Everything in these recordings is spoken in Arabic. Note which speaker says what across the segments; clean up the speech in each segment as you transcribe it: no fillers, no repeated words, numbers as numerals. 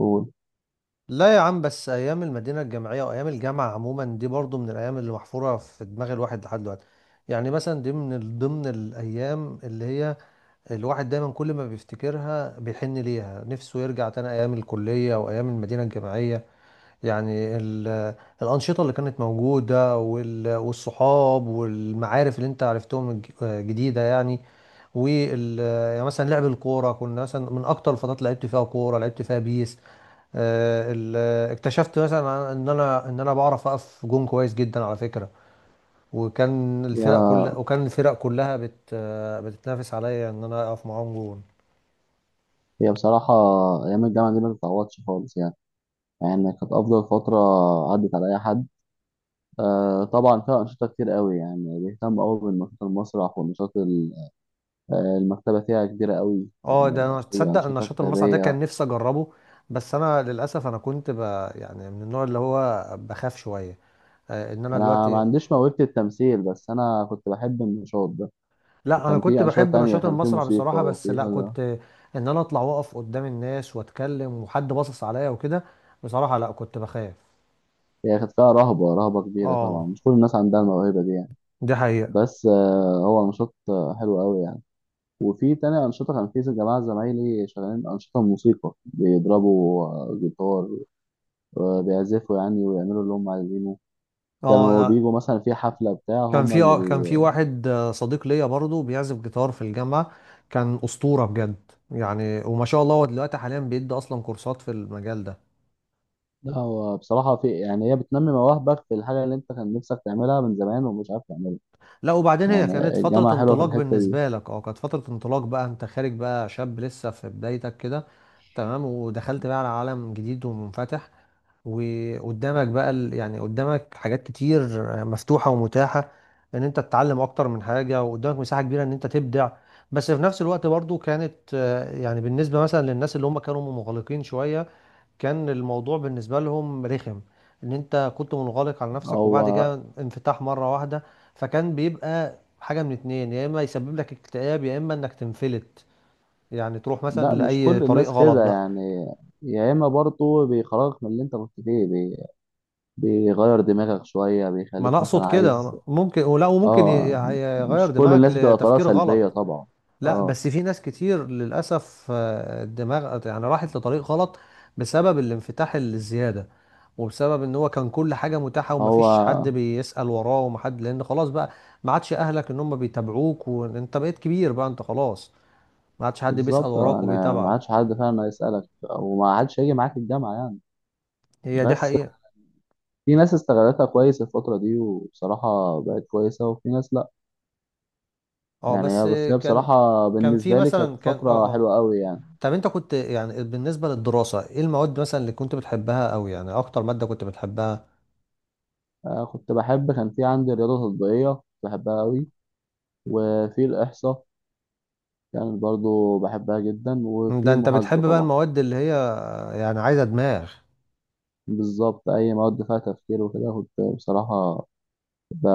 Speaker 1: قول.
Speaker 2: لا يا عم، بس ايام المدينه الجامعيه وايام الجامعه عموما دي برضو من الايام اللي محفوره في دماغ الواحد لحد دلوقتي. يعني مثلا دي من ضمن الايام اللي هي الواحد دايما كل ما بيفتكرها بيحن ليها نفسه يرجع تاني ايام الكليه وايام المدينه الجامعيه. يعني الانشطه اللي كانت موجوده، والصحاب والمعارف اللي انت عرفتهم جديده يعني. وال يعني مثلا لعب الكوره، كنا مثلا من اكتر الفترات اللي لعبت فيها كوره، لعبت فيها بيس. آه، ال- اكتشفت مثلا ان انا ان انا بعرف اقف جون كويس جدا على فكره. وكان
Speaker 1: هي
Speaker 2: الفرق كلها وكان الفرق كلها بت آه، بتتنافس عليا ان انا اقف معاهم جون.
Speaker 1: هي بصراحة، أيام الجامعة دي ما تتعوضش خالص يعني. يعني كانت أفضل فترة عدت على أي حد. آه طبعا، فيها أنشطة كتير قوي يعني، بيهتم قوي بالنشاط المسرح والنشاط المكتبة فيها كبيرة قوي
Speaker 2: اه،
Speaker 1: يعني.
Speaker 2: ده انا
Speaker 1: أي
Speaker 2: تصدق ان
Speaker 1: أنشطة
Speaker 2: نشاط المصنع ده
Speaker 1: كتابية.
Speaker 2: كان نفسي اجربه. بس انا للاسف، انا كنت يعني من النوع اللي هو بخاف شويه. ان انا
Speaker 1: أنا ما
Speaker 2: دلوقتي.
Speaker 1: عنديش موهبة التمثيل بس أنا كنت بحب النشاط ده.
Speaker 2: لا، انا
Speaker 1: وكان
Speaker 2: كنت
Speaker 1: في أنشطة
Speaker 2: بحب
Speaker 1: تانية،
Speaker 2: نشاط
Speaker 1: كان في
Speaker 2: المصنع
Speaker 1: موسيقى
Speaker 2: بصراحه، بس
Speaker 1: وفي
Speaker 2: لا
Speaker 1: كذا.
Speaker 2: كنت ان انا اطلع واقف قدام الناس واتكلم وحد باصص عليا وكده. بصراحه، لا كنت بخاف.
Speaker 1: هي كانت فيها رهبة رهبة كبيرة طبعا،
Speaker 2: اه،
Speaker 1: مش كل الناس عندها الموهبة دي يعني.
Speaker 2: دي حقيقة.
Speaker 1: بس هو نشاط حلو قوي يعني. وفي تاني أنشطة، كان في جماعة زمايلي شغالين أنشطة موسيقى بيضربوا جيتار، بيعزفوا يعني ويعملوا اللي هم عايزينه.
Speaker 2: اه،
Speaker 1: كانوا
Speaker 2: أنا
Speaker 1: بيجوا مثلا في حفلة بتاع
Speaker 2: كان
Speaker 1: هم
Speaker 2: في
Speaker 1: اللي بي...
Speaker 2: واحد صديق ليا برضه بيعزف جيتار في الجامعة. كان أسطورة بجد يعني، وما شاء الله، هو دلوقتي حاليا بيدي أصلا كورسات في المجال ده.
Speaker 1: لا، هو بصراحة في يعني، هي بتنمي مواهبك في الحاجة اللي أنت كان نفسك تعملها من زمان ومش عارف تعملها.
Speaker 2: لا، وبعدين هي
Speaker 1: يعني
Speaker 2: كانت
Speaker 1: الجامعة
Speaker 2: فترة
Speaker 1: حلوة في
Speaker 2: انطلاق
Speaker 1: الحتة دي.
Speaker 2: بالنسبة لك، كانت فترة انطلاق، بقى انت خارج، بقى شاب لسه في بدايتك كده. تمام، ودخلت بقى على عالم جديد ومنفتح. وقدامك بقى يعني قدامك حاجات كتير مفتوحة ومتاحة، ان انت تتعلم اكتر من حاجة، وقدامك مساحة كبيرة ان انت تبدع. بس في نفس الوقت برضو كانت، يعني بالنسبة مثلا للناس اللي هم كانوا منغلقين شوية، كان الموضوع بالنسبة لهم رخم، ان انت كنت منغلق على نفسك وبعد
Speaker 1: هو.
Speaker 2: كده انفتاح مرة واحدة. فكان بيبقى حاجة من اتنين: يا اما يسبب لك اكتئاب، يا اما انك تنفلت، يعني تروح مثلا
Speaker 1: لا، مش
Speaker 2: لأي
Speaker 1: كل
Speaker 2: طريق
Speaker 1: الناس
Speaker 2: غلط
Speaker 1: كده
Speaker 2: بقى.
Speaker 1: يعني. يا إما برضه بيخرجك من اللي أنت كنت فيه. بيغير دماغك شوية،
Speaker 2: ما انا
Speaker 1: بيخليك مثلا
Speaker 2: اقصد كده،
Speaker 1: عايز.
Speaker 2: أنا ممكن ولا وممكن
Speaker 1: اه.
Speaker 2: يغير
Speaker 1: مش كل
Speaker 2: دماغك
Speaker 1: الناس بتبقى طالعه
Speaker 2: لتفكير
Speaker 1: سلبيه
Speaker 2: غلط.
Speaker 1: طبعا.
Speaker 2: لا،
Speaker 1: اه.
Speaker 2: بس في ناس كتير للاسف، الدماغ يعني راحت لطريق غلط بسبب الانفتاح الزياده، وبسبب ان هو كان كل حاجه متاحه،
Speaker 1: هو.
Speaker 2: ومفيش حد بيسأل وراه، ومحد لان خلاص بقى ما عادش اهلك ان هم بيتابعوك، وانت بقيت كبير، بقى انت خلاص ما عادش حد بيسأل
Speaker 1: بالظبط،
Speaker 2: وراك
Speaker 1: انا ما
Speaker 2: وبيتابعك.
Speaker 1: عادش حد فعلا هيسالك، وما عادش هيجي معاك الجامعه يعني.
Speaker 2: هي دي
Speaker 1: بس
Speaker 2: حقيقة.
Speaker 1: في ناس استغلتها كويس الفتره دي وبصراحه بقت كويسه، وفي ناس لا.
Speaker 2: اه،
Speaker 1: يعني
Speaker 2: بس.
Speaker 1: هي بس هي
Speaker 2: كان
Speaker 1: بصراحه
Speaker 2: كان في
Speaker 1: بالنسبه لي كانت
Speaker 2: مثلا كان
Speaker 1: فتره حلوه قوي يعني.
Speaker 2: طب انت كنت يعني بالنسبة للدراسة، ايه المواد مثلا اللي كنت بتحبها؟ او يعني اكتر مادة كنت بتحبها؟
Speaker 1: آه كنت بحب، كان في عندي رياضه تطبيقيه كنت بحبها قوي، وفي الاحصاء كان برضو بحبها جدا،
Speaker 2: ده
Speaker 1: وفي
Speaker 2: انت
Speaker 1: المحاسبه
Speaker 2: بتحب بقى
Speaker 1: طبعا.
Speaker 2: المواد اللي هي، يعني عايزة دماغ.
Speaker 1: بالظبط، اي مواد فيها تفكير وكده كنت بصراحه ب...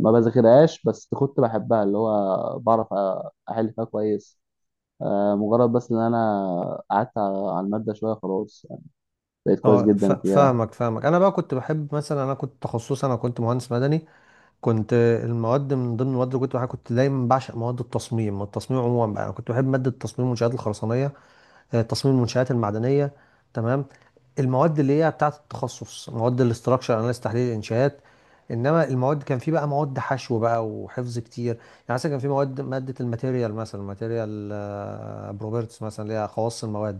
Speaker 1: ما بذاكرهاش بس كنت بحبها، اللي هو بعرف احل فيها كويس. مجرد بس ان انا قعدت على الماده شويه، خلاص يعني بقيت كويس
Speaker 2: اه،
Speaker 1: جدا فيها.
Speaker 2: فاهمك فاهمك. انا بقى كنت بحب، مثلا انا كنت تخصصي، انا كنت مهندس مدني. كنت المواد، من ضمن المواد اللي كنت بحبها، كنت دايما بعشق مواد التصميم. التصميم عموما بقى، انا كنت بحب مادة التصميم والمنشآت الخرسانية، تصميم المنشآت المعدنية. تمام. المواد اللي هي بتاعة التخصص، مواد الاستراكشر اناليز، تحليل الانشاءات. انما المواد، كان في بقى مواد حشو بقى وحفظ كتير يعني. مثلا كان في مواد، مادة الماتيريال مثلا، ماتيريال بروبرتس، مثلا اللي هي خواص المواد.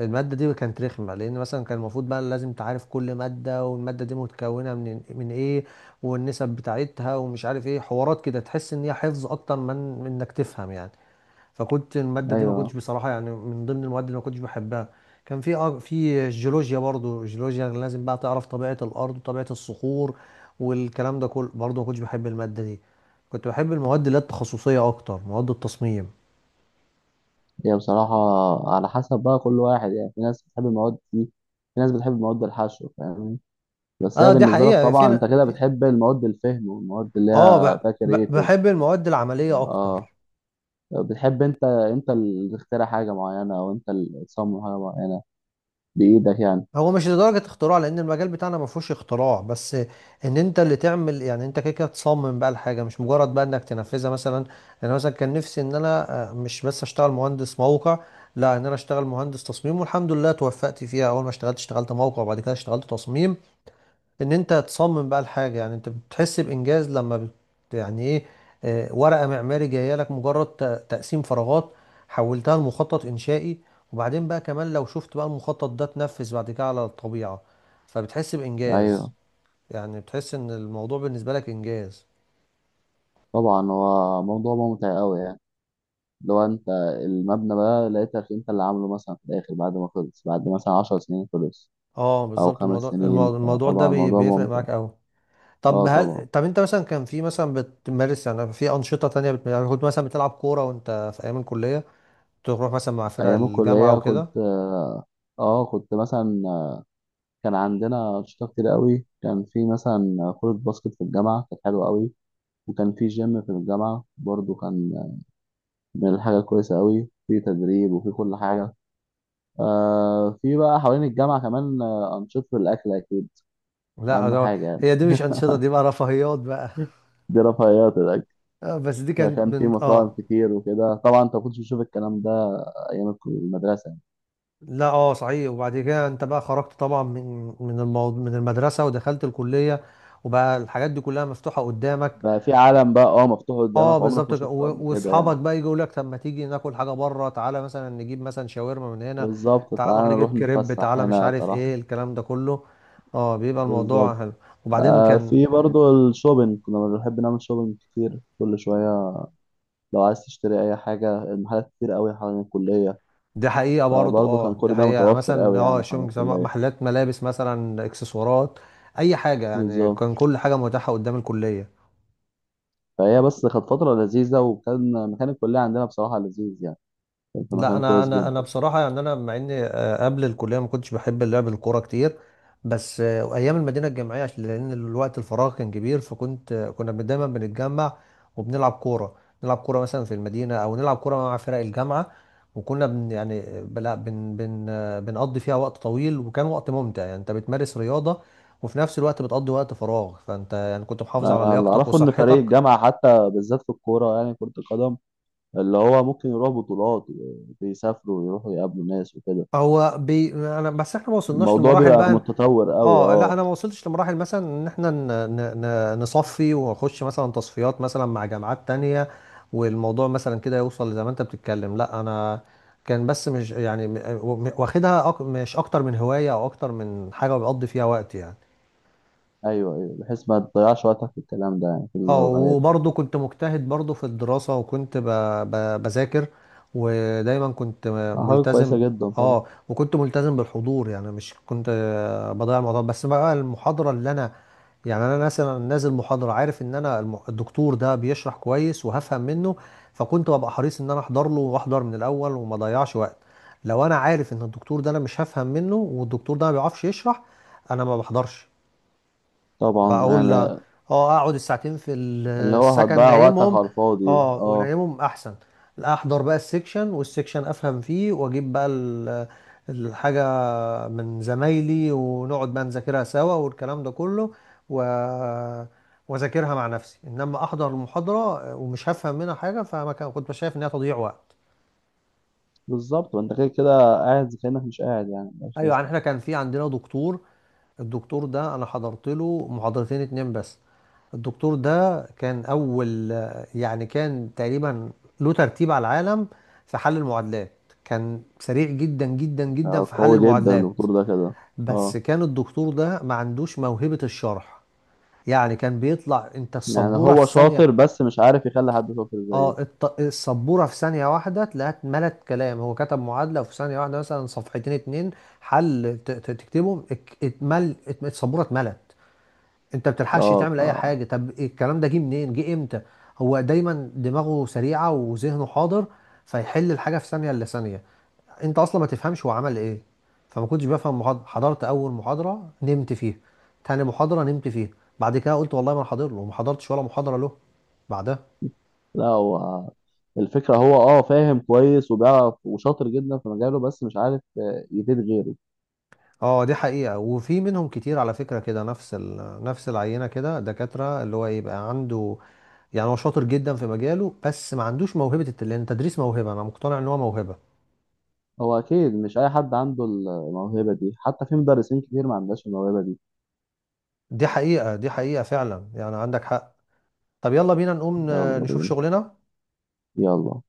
Speaker 2: المادة دي كانت رخمة، لأن مثلا كان المفروض بقى لازم تعرف كل مادة، والمادة دي متكونة من إيه، والنسب بتاعتها، ومش عارف إيه حوارات كده، تحس إن هي حفظ أكتر من إنك تفهم يعني. فكنت المادة دي ما كنتش
Speaker 1: ايوه.
Speaker 2: بصراحة يعني من ضمن المواد اللي ما كنتش بحبها. كان في في الجيولوجيا برضو. الجيولوجيا لازم بقى تعرف طبيعة الأرض وطبيعة الصخور، والكلام ده كله برضو، ما كنتش بحب المادة دي. كنت بحب المواد اللي هي التخصصية أكتر، مواد التصميم.
Speaker 1: هي بصراحه، على حسب بقى كل واحد يعني. في ناس بتحب المواد دي، في ناس بتحب مواد الحشو فاهمني. بس هي
Speaker 2: اه، دي
Speaker 1: بالنسبه لك
Speaker 2: حقيقة.
Speaker 1: طبعا، انت
Speaker 2: في
Speaker 1: كده
Speaker 2: في
Speaker 1: بتحب المواد الفهم والمواد اللي
Speaker 2: اه،
Speaker 1: هي فيها كرييتيف.
Speaker 2: بحب المواد العملية
Speaker 1: اه.
Speaker 2: أكتر.
Speaker 1: بتحب انت اللي تخترع حاجه معينه، او انت اللي تصمم حاجه معينه بايدك يعني.
Speaker 2: هو مش لدرجة اختراع، لأن المجال بتاعنا ما فيهوش اختراع، بس إن أنت اللي تعمل، يعني أنت كده كده تصمم بقى الحاجة، مش مجرد بقى إنك تنفذها مثلا. أنا مثلا كان نفسي إن أنا مش بس أشتغل مهندس موقع، لا إن أنا أشتغل مهندس تصميم، والحمد لله توفقت فيها. أول ما اشتغلت، اشتغلت موقع، وبعد كده اشتغلت تصميم. ان انت تصمم بقى الحاجه، يعني انت بتحس بانجاز لما يعني ايه؟ ورقه معماري جايه لك، مجرد تقسيم فراغات، حولتها لمخطط انشائي، وبعدين بقى كمان لو شفت بقى المخطط ده اتنفذ بعد كده على الطبيعه، فبتحس بانجاز.
Speaker 1: ايوه،
Speaker 2: يعني بتحس ان الموضوع بالنسبه لك انجاز.
Speaker 1: طبعا هو موضوع ممتع قوي يعني. لو انت المبنى بقى لقيتك انت اللي عامله مثلا، في الاخر بعد ما خلص، بعد مثلا 10 سنين خلص
Speaker 2: اه،
Speaker 1: او
Speaker 2: بالظبط.
Speaker 1: خمس
Speaker 2: الموضوع
Speaker 1: سنين
Speaker 2: الموضوع ده
Speaker 1: فطبعا الموضوع
Speaker 2: بيفرق
Speaker 1: ممتع.
Speaker 2: معاك قوي.
Speaker 1: اه طبعا.
Speaker 2: طب انت مثلا كان في مثلا بتمارس يعني في انشطه تانية يعني كنت مثلا بتلعب كوره وانت في ايام الكليه؟ تروح مثلا مع فرق
Speaker 1: ايام
Speaker 2: الجامعه
Speaker 1: الكلية كنت،
Speaker 2: وكده؟
Speaker 1: اه كنت مثلا، كان عندنا انشطة كتير قوي. كان في مثلا كرة باسكت في الجامعة كانت حلوة قوي. وكان في جيم في الجامعة برضو، كان من الحاجة الكويسة قوي، في تدريب وفي كل حاجة. في بقى حوالين الجامعة كمان أنشطة الأكل أكيد
Speaker 2: لا،
Speaker 1: اهم
Speaker 2: ده.
Speaker 1: حاجه يعني.
Speaker 2: هي دي مش أنشطة، دي بقى رفاهيات بقى.
Speaker 1: دي رفاهيات الاكل.
Speaker 2: بس دي كانت
Speaker 1: فكان في
Speaker 2: من
Speaker 1: مطاعم كتير وكده، طبعا انت ما كنتش بتشوف الكلام ده ايام المدرسه يعني.
Speaker 2: لا، صحيح. وبعد كده انت بقى خرجت طبعا من المدرسة ودخلت الكلية، وبقى الحاجات دي كلها مفتوحة قدامك.
Speaker 1: بقى في عالم بقى، اه مفتوح قدامك
Speaker 2: اه،
Speaker 1: عمرك
Speaker 2: بالظبط
Speaker 1: ما
Speaker 2: كده.
Speaker 1: شفته قبل كده
Speaker 2: واصحابك
Speaker 1: يعني.
Speaker 2: بقى يجوا يقول لك: طب ما تيجي ناكل حاجة بره، تعالى مثلا نجيب مثلا شاورما من هنا،
Speaker 1: بالظبط،
Speaker 2: تعالى نروح
Speaker 1: تعالى
Speaker 2: نجيب
Speaker 1: نروح
Speaker 2: كريب،
Speaker 1: نتفسح
Speaker 2: تعالى مش
Speaker 1: هنا
Speaker 2: عارف
Speaker 1: صراحه.
Speaker 2: ايه، الكلام ده كله. اه، بيبقى الموضوع
Speaker 1: بالظبط.
Speaker 2: حلو. وبعدين كان.
Speaker 1: في برضو الشوبينج، كنا بنحب نعمل شوبينج كتير كل شويه. لو عايز تشتري اي حاجه، المحلات كتير قوي حوالين الكليه،
Speaker 2: دي حقيقة برضه.
Speaker 1: فبرضه كان
Speaker 2: اه دي
Speaker 1: كل ده
Speaker 2: حقيقة. يعني
Speaker 1: متوفر
Speaker 2: مثلا
Speaker 1: قوي يعني حوالين
Speaker 2: شوبينج، سواء
Speaker 1: الكليه.
Speaker 2: محلات ملابس مثلا، اكسسوارات، اي حاجة يعني.
Speaker 1: بالظبط.
Speaker 2: كان كل حاجة متاحة قدام الكلية.
Speaker 1: فهي بس كانت فتره لذيذه، وكان مكان الكليه عندنا بصراحه لذيذ يعني، كان في
Speaker 2: لا،
Speaker 1: مكان
Speaker 2: انا
Speaker 1: كويس
Speaker 2: انا انا
Speaker 1: جدا.
Speaker 2: بصراحه يعني، انا مع اني قبل الكليه ما كنتش بحب اللعب الكوره كتير. بس ايام المدينه الجامعيه، عشان لان الوقت الفراغ كان كبير، فكنت آه، كنا دايما بنتجمع وبنلعب كوره، نلعب كوره مثلا في المدينه، او نلعب كوره مع فرق الجامعه. وكنا يعني بلا بن بن آه، بنقضي فيها وقت طويل، وكان وقت ممتع، يعني انت بتمارس رياضه، وفي نفس الوقت بتقضي وقت فراغ، فانت يعني كنت محافظ على
Speaker 1: انا اللي
Speaker 2: لياقتك
Speaker 1: اعرفه ان فريق
Speaker 2: وصحتك.
Speaker 1: الجامعه حتى بالذات في الكوره يعني كره القدم، اللي هو ممكن يروح بطولات وبيسافروا ويروحوا يقابلوا ناس وكده.
Speaker 2: هو بي... انا بس، احنا ما وصلناش
Speaker 1: الموضوع
Speaker 2: للمراحل
Speaker 1: بيبقى
Speaker 2: بقى.
Speaker 1: متطور قوي،
Speaker 2: اه، لا.
Speaker 1: اه.
Speaker 2: انا ما وصلتش لمراحل مثلا ان احنا نصفي ونخش مثلا تصفيات مثلا مع جامعات تانية، والموضوع مثلا كده يوصل زي ما انت بتتكلم. لا، انا كان بس مش يعني واخدها مش اكتر من هواية، او اكتر من حاجة بقضي فيها وقت يعني.
Speaker 1: ايوه، ايوه، بحيث ما تضيعش وقتك في الكلام ده يعني في
Speaker 2: اه،
Speaker 1: الهوايات.
Speaker 2: وبرضه كنت مجتهد برضه في الدراسة، وكنت بذاكر، ودايما كنت
Speaker 1: حاجه كويسه
Speaker 2: ملتزم.
Speaker 1: جدا طبعا.
Speaker 2: اه، وكنت ملتزم بالحضور، يعني مش كنت بضيع الموضوع، بس بقى المحاضرة اللي انا، يعني انا مثلا نازل محاضره، عارف ان انا الدكتور ده بيشرح كويس وهفهم منه، فكنت ببقى حريص ان انا احضر له، واحضر من الاول، وما اضيعش وقت. لو انا عارف ان الدكتور ده انا مش هفهم منه، والدكتور ده ما بيعرفش يشرح، انا ما بحضرش.
Speaker 1: طبعا
Speaker 2: بقول لا،
Speaker 1: يعني،
Speaker 2: اه، اقعد الساعتين في
Speaker 1: اللي هو
Speaker 2: السكن
Speaker 1: هتضيع وقتك
Speaker 2: نايمهم.
Speaker 1: على الفاضي،
Speaker 2: اه،
Speaker 1: اه.
Speaker 2: ونايمهم احسن. لا احضر بقى السكشن، والسكشن افهم فيه، واجيب بقى الحاجة من زمايلي، ونقعد بقى نذاكرها سوا والكلام ده كله. و... واذاكرها مع نفسي. انما احضر المحاضرة ومش هفهم منها حاجة، فما كان كنت شايف انها تضييع وقت.
Speaker 1: بالظبط، وانت كده كده قاعد زي كانك مش قاعد يعني، مش
Speaker 2: ايوه،
Speaker 1: لازم.
Speaker 2: يعني احنا كان في عندنا دكتور. الدكتور ده انا حضرت له محاضرتين اتنين بس. الدكتور ده كان اول، يعني كان تقريبا له ترتيب على العالم في حل المعادلات، كان سريع جدا جدا جدا في حل
Speaker 1: قوي جدا
Speaker 2: المعادلات.
Speaker 1: الدكتور ده كده.
Speaker 2: بس
Speaker 1: اه،
Speaker 2: كان الدكتور ده ما عندوش موهبة الشرح. يعني كان بيطلع انت
Speaker 1: يعني
Speaker 2: السبورة في
Speaker 1: هو
Speaker 2: ثانية.
Speaker 1: شاطر بس مش عارف يخلي حد شاطر
Speaker 2: اه،
Speaker 1: زيه.
Speaker 2: السبورة في ثانية واحدة تلاقيها اتملت كلام. هو كتب معادلة، وفي ثانية واحدة مثلا صفحتين اتنين حل. تكتبهم، السبورة اتملت. انت بتلحقش
Speaker 1: اه.
Speaker 2: تعمل اي حاجه. طب الكلام ده جه منين؟ جه امتى؟ هو دايما دماغه سريعه وذهنه حاضر، فيحل الحاجه في ثانيه الا ثانيه. انت اصلا ما تفهمش هو عمل ايه. فما كنتش بفهم محاضره. حضرت اول محاضره نمت فيها، تاني محاضره نمت فيها. بعد كده قلت والله ما أنا حاضر له، وما حضرتش ولا محاضره له بعدها.
Speaker 1: لا هو، الفكرة هو فاهم كويس وبيعرف وشاطر جدا في مجاله، بس مش عارف يفيد غيره.
Speaker 2: اه، دي حقيقه. وفي منهم كتير على فكره كده، نفس العينه كده، دكاتره اللي هو يبقى عنده. يعني هو شاطر جدا في مجاله، بس ما عندوش موهبه لان التدريس موهبه، انا مقتنع ان هو موهبه.
Speaker 1: هو أكيد مش أي حد عنده الموهبة دي، حتى في مدرسين كتير ما عندهاش الموهبة دي.
Speaker 2: دي حقيقة، دي حقيقة فعلا. يعني عندك حق. طب يلا بينا نقوم
Speaker 1: يلا
Speaker 2: نشوف
Speaker 1: بينا.
Speaker 2: شغلنا.
Speaker 1: يلا.